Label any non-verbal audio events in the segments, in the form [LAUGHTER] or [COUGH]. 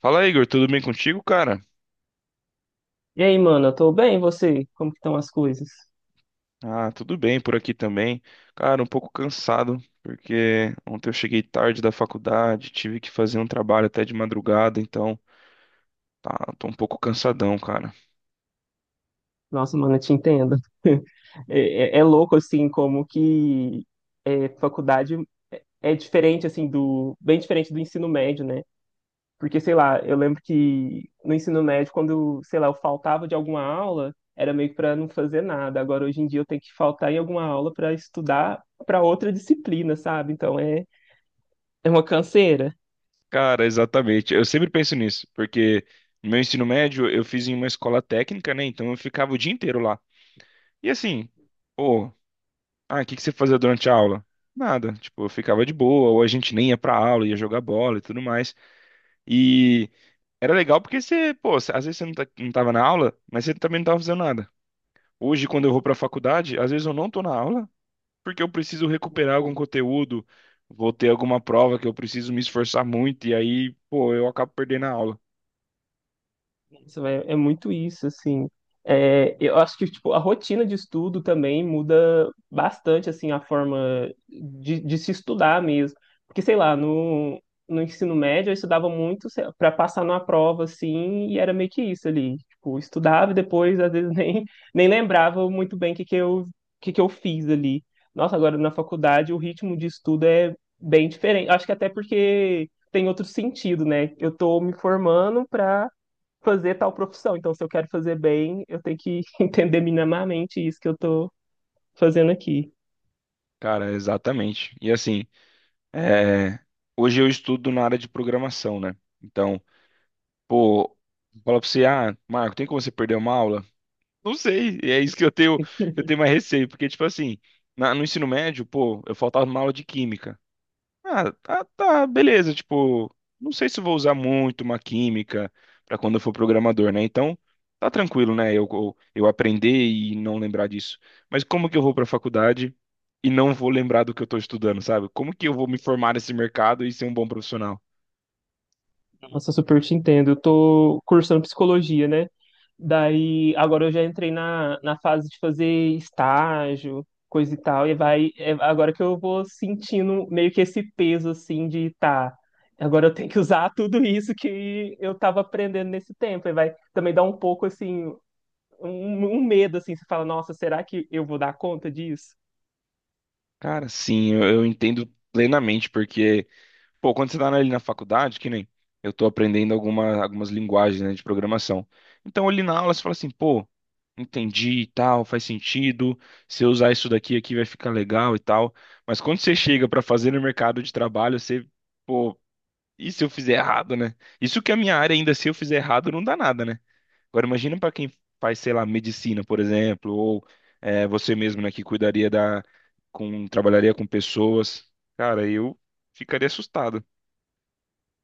Fala, Igor, tudo bem contigo, cara? E aí, mano, eu tô bem, e você? Como que estão as coisas? Ah, tudo bem por aqui também. Cara, um pouco cansado, porque ontem eu cheguei tarde da faculdade, tive que fazer um trabalho até de madrugada, então tá, tô um pouco cansadão, cara. Nossa, mano, eu te entendo. [LAUGHS] É louco, assim, como que é, faculdade é diferente, assim, do... Bem diferente do ensino médio, né? Porque, sei lá, eu lembro que no ensino médio, quando, sei lá, eu faltava de alguma aula, era meio que pra não fazer nada. Agora, hoje em dia, eu tenho que faltar em alguma aula pra estudar pra outra disciplina, sabe? Então, é uma canseira. Cara, exatamente. Eu sempre penso nisso, porque no meu ensino médio eu fiz em uma escola técnica, né? Então eu ficava o dia inteiro lá. E assim, pô, ah, o que que você fazia durante a aula? Nada, tipo, eu ficava de boa, ou a gente nem ia pra aula, ia jogar bola e tudo mais. E. Era legal porque você, pô, às vezes você não, tá, não tava na aula, mas você também não tava fazendo nada. Hoje, quando eu vou pra faculdade, às vezes eu não tô na aula porque eu preciso recuperar algum conteúdo, vou ter alguma prova que eu preciso me esforçar muito, e aí, pô, eu acabo perdendo a aula. Isso, velho, é muito isso, assim. É, eu acho que tipo, a rotina de estudo também muda bastante assim a forma de se estudar mesmo. Porque, sei lá, no ensino médio eu estudava muito para passar numa prova, assim, e era meio que isso ali. Tipo, estudava e depois, às vezes, [LAUGHS] nem lembrava muito bem o que eu fiz ali. Nossa, agora na faculdade o ritmo de estudo é bem diferente. Acho que até porque tem outro sentido, né? Eu tô me formando para fazer tal profissão. Então, se eu quero fazer bem, eu tenho que [LAUGHS] entender minimamente isso que eu tô fazendo aqui. Cara, exatamente. E assim, é, hoje eu estudo na área de programação, né? Então, pô, fala pra você, ah, Marco, tem como você perder uma aula? Não sei, e é isso que eu tenho mais receio, porque, tipo assim, no ensino médio, pô, eu faltava uma aula de química. Ah, tá, tá, beleza. Tipo, não sei se eu vou usar muito uma química pra quando eu for programador, né? Então, tá tranquilo, né? Eu aprender e não lembrar disso. Mas como que eu vou pra faculdade e não vou lembrar do que eu tô estudando, sabe? Como que eu vou me formar nesse mercado e ser um bom profissional? Nossa, super te entendo. Eu tô cursando psicologia, né? Daí, agora eu já entrei na fase de fazer estágio, coisa e tal, e vai, é agora que eu vou sentindo meio que esse peso, assim, de tá, agora eu tenho que usar [LAUGHS] tudo isso que eu tava aprendendo nesse tempo, e vai também dar um pouco, assim, um, um medo, assim, você fala, nossa, será que eu vou dar conta disso? Cara, sim, eu entendo plenamente, porque. Pô, quando você tá ali na faculdade, que nem eu tô aprendendo alguma, algumas linguagens, né, de programação. Então, ali na aula, você fala assim, pô, entendi e tal, faz sentido. Se eu usar isso daqui aqui vai ficar legal e tal. Mas quando você chega pra fazer no mercado de trabalho, você, pô, e se eu fizer errado, né? Isso que a minha área ainda, se eu fizer errado, não dá nada, né? Agora, imagina pra quem faz, sei lá, medicina, por exemplo, ou é, você mesmo, né, que cuidaria da, com, trabalharia com pessoas. Cara, eu ficaria assustado.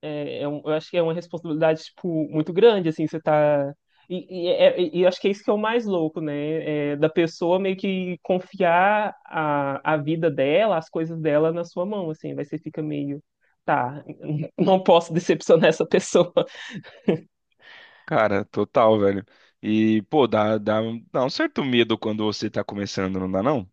Eu acho que é uma responsabilidade, tipo, muito grande, assim, você tá. E acho que é isso que é o mais louco, né? É, da pessoa meio que confiar a vida dela, as coisas dela na sua mão, assim, vai você fica meio, tá, [LAUGHS] não posso decepcionar essa pessoa. Cara, total, velho. E, pô, dá um certo medo quando você tá começando, não dá não?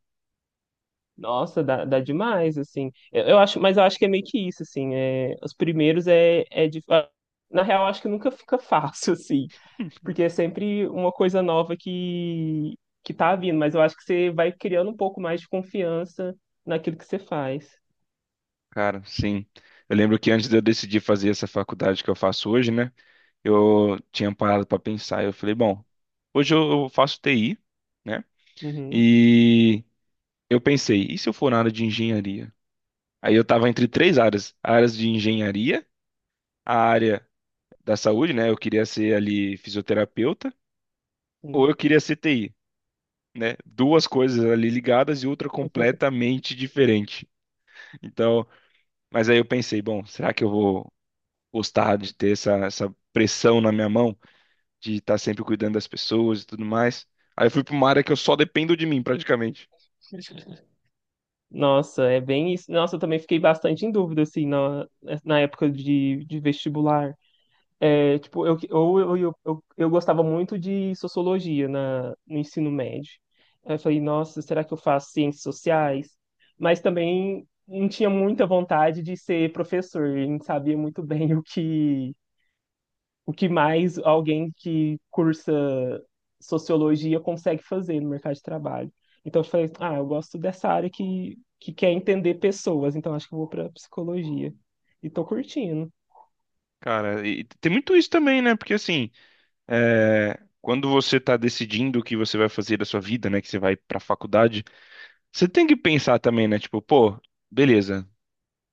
Nossa, dá demais, assim. Eu acho, mas eu acho que é meio que isso, assim, é, os primeiros é, é dif- Na real, acho que nunca fica fácil, [LAUGHS] assim, [LAUGHS] porque é sempre uma coisa nova que tá vindo, mas eu acho que você vai criando um pouco mais de confiança naquilo que você faz. Cara, sim. Eu lembro que antes de eu decidir fazer essa faculdade que eu faço hoje, né? Eu tinha parado pra pensar. Eu falei, bom, hoje eu faço TI, né? Uhum, E eu pensei, e se eu for na área de engenharia? Aí eu tava entre três áreas: áreas de engenharia, a área da saúde, né? Eu queria ser ali fisioterapeuta, ou sim. eu queria ser TI, né? Duas coisas ali ligadas e outra completamente diferente. Então, mas aí eu pensei, bom, será que eu vou gostar de ter essa pressão na minha mão, de estar sempre cuidando das pessoas e tudo mais? Aí eu fui para uma área que eu só dependo de mim, praticamente. Nossa, é bem isso. Nossa, eu também fiquei bastante em dúvida, assim, na, na época de vestibular. É, tipo, eu gostava muito de sociologia na, no ensino médio. Aí eu falei, nossa, será que eu faço ciências sociais? Mas também não tinha muita vontade de ser professor, eu não sabia muito bem [LAUGHS] o que mais alguém que cursa sociologia consegue fazer no mercado de trabalho. Então eu falei, ah, eu gosto dessa área que quer entender pessoas, então acho que eu vou para psicologia. E tô curtindo. Cara, e tem muito isso também, né? Porque assim, é, quando você está decidindo o que você vai fazer da sua vida, né? Que você vai para a faculdade, você tem que pensar também, né? Tipo, pô, beleza,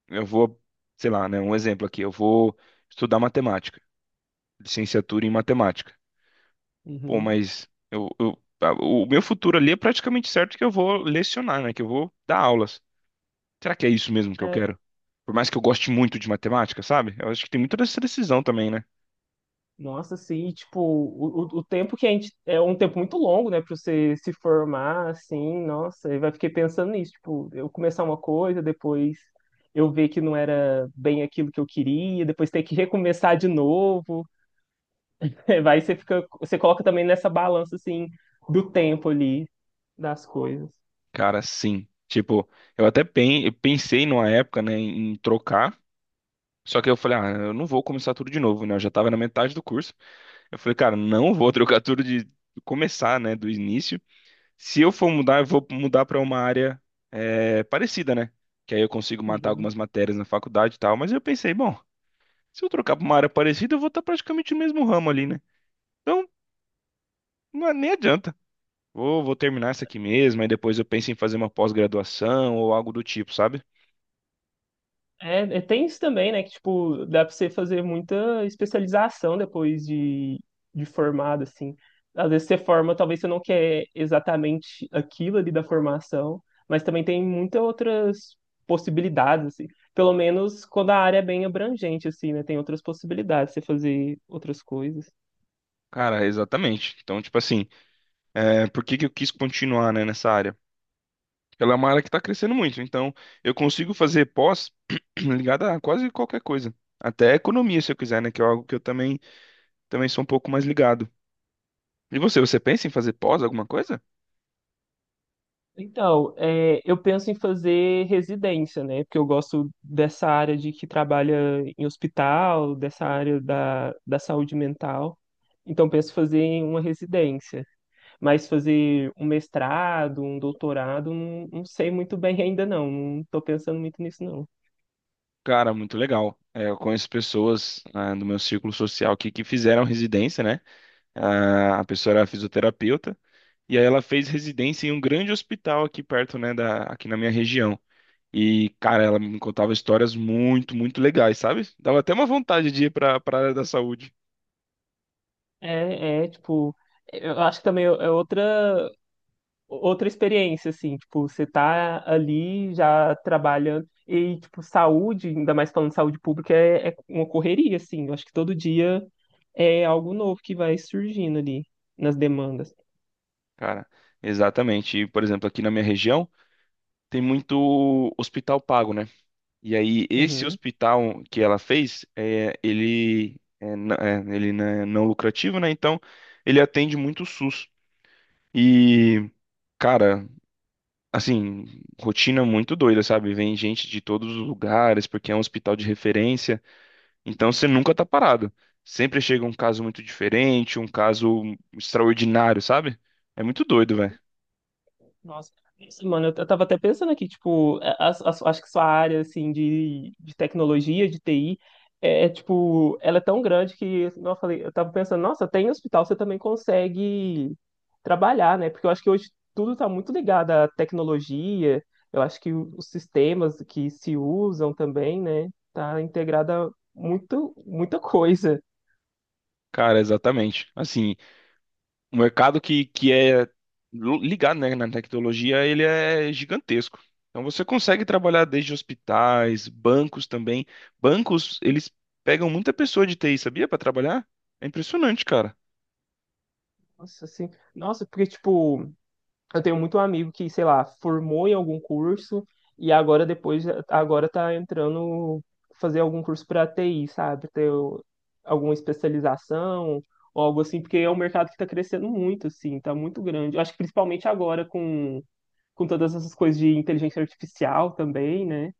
eu vou, sei lá, né? Um exemplo aqui, eu vou estudar matemática, licenciatura em matemática. Pô, Uhum. mas o meu futuro ali é praticamente certo que eu vou lecionar, né? Que eu vou dar aulas. Será que é isso mesmo que eu quero? Por mais que eu goste muito de matemática, sabe? Eu acho que tem muito dessa decisão também, né? Nossa, assim, e, tipo, o tempo que a gente. É um tempo muito longo, né, pra você se formar, assim, nossa, eu vai fiquei pensando nisso, tipo, eu começar uma coisa, depois eu ver que não era bem aquilo que eu queria, depois ter que recomeçar de novo. [LAUGHS] É, vai, você fica. Você coloca também nessa balança, assim, do tempo ali, das coisas. Cara, sim. Tipo, eu pensei numa época, né, em trocar. Só que eu falei, ah, eu não vou começar tudo de novo, né? Eu já tava na metade do curso. Eu falei, cara, não vou trocar tudo de começar, né, do início. Se eu for mudar, eu vou mudar para uma área é, parecida, né? Que aí eu consigo matar Uhum. algumas matérias na faculdade e tal. Mas eu pensei, bom, se eu trocar para uma área parecida, eu vou estar praticamente no mesmo ramo ali, né? Então, não, é- nem adianta. Vou terminar essa aqui mesmo, aí depois eu penso em fazer uma pós-graduação ou algo do tipo, sabe? Tem isso também, né? Que, tipo, dá pra você fazer muita especialização depois de formado, assim. Às vezes você forma, talvez você não quer exatamente aquilo ali da formação, mas também tem muitas outras possibilidades, assim. Pelo menos quando a área é bem abrangente, assim, né? Tem outras possibilidades de você fazer outras coisas. Cara, exatamente. Então, tipo assim, é, por que que eu quis continuar, né, nessa área? Porque ela é uma área que está crescendo muito, então eu consigo fazer pós [CLEARS THROAT] ligada a quase qualquer coisa. Até economia, se eu quiser, né? Que é algo que eu também sou um pouco mais ligado. E você pensa em fazer pós, alguma coisa? Então, é, eu penso em fazer residência, né? Porque eu gosto dessa área de que trabalha em hospital, dessa área da saúde mental. Então, penso em fazer em uma residência. Mas fazer um mestrado, um doutorado, não, não sei muito bem ainda, não. Não estou pensando muito nisso, não. Cara, muito legal. É, eu conheço pessoas, ah, no meu círculo social aqui que fizeram residência, né? Ah, a pessoa era fisioterapeuta e aí ela fez residência em um grande hospital aqui perto, né, da, aqui na minha região. E, cara, ela me contava histórias muito, muito legais, sabe? Dava até uma vontade de ir para área da saúde, Tipo, eu acho que também é outra outra experiência, assim, tipo, você tá ali já trabalhando e, tipo, saúde, ainda mais falando de saúde pública, é uma correria, assim. Eu acho que todo dia é algo novo que vai surgindo ali nas demandas. cara. Exatamente. E, por exemplo, aqui na minha região tem muito hospital pago, né? E aí, esse Uhum. hospital que ela fez, é, ele, é, é, ele não é não lucrativo, né? Então, ele atende muito o SUS. E, cara, assim, rotina muito doida, sabe? Vem gente de todos os lugares, porque é um hospital de referência. Então, você nunca tá parado. Sempre chega um caso muito diferente, um caso extraordinário, sabe? É muito doido, velho. Nossa, isso, mano, eu tava até pensando aqui, tipo, acho que sua área, assim, de tecnologia, de TI, tipo, ela é tão grande que, assim, eu falei, eu tava pensando, nossa, tem hospital, você também consegue trabalhar, né? Porque eu acho que hoje tudo tá muito ligado à tecnologia, eu acho que os sistemas que se usam também, né, tá integrada muito, muita coisa. Cara, exatamente. Assim, o mercado que é ligado, né, na tecnologia, ele é gigantesco. Então você consegue trabalhar desde hospitais, bancos também. Bancos, eles pegam muita pessoa de TI, sabia, para trabalhar? É impressionante, cara. Nossa, assim, nossa, porque, tipo, eu tenho muito amigo que, sei lá, formou em algum curso e agora tá entrando fazer algum curso para TI, sabe? Alguma especialização ou algo assim, porque é um mercado que tá crescendo muito, assim, tá muito grande. Eu acho que principalmente agora com todas essas coisas de inteligência artificial também, né?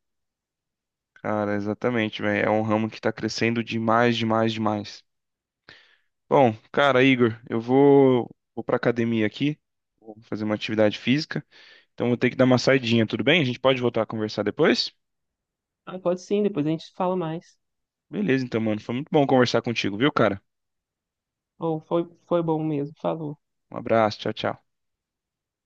Cara, exatamente, velho. É um ramo que tá crescendo demais, demais, demais. Bom, cara, Igor, eu vou para academia aqui, vou fazer uma atividade física. Então vou ter que dar uma saidinha, tudo bem? A gente pode voltar a conversar depois? Ah, pode sim, depois a gente fala mais. Beleza, então, mano. Foi muito bom conversar contigo, viu, cara? Ou foi bom mesmo, falou. Um abraço, tchau, tchau.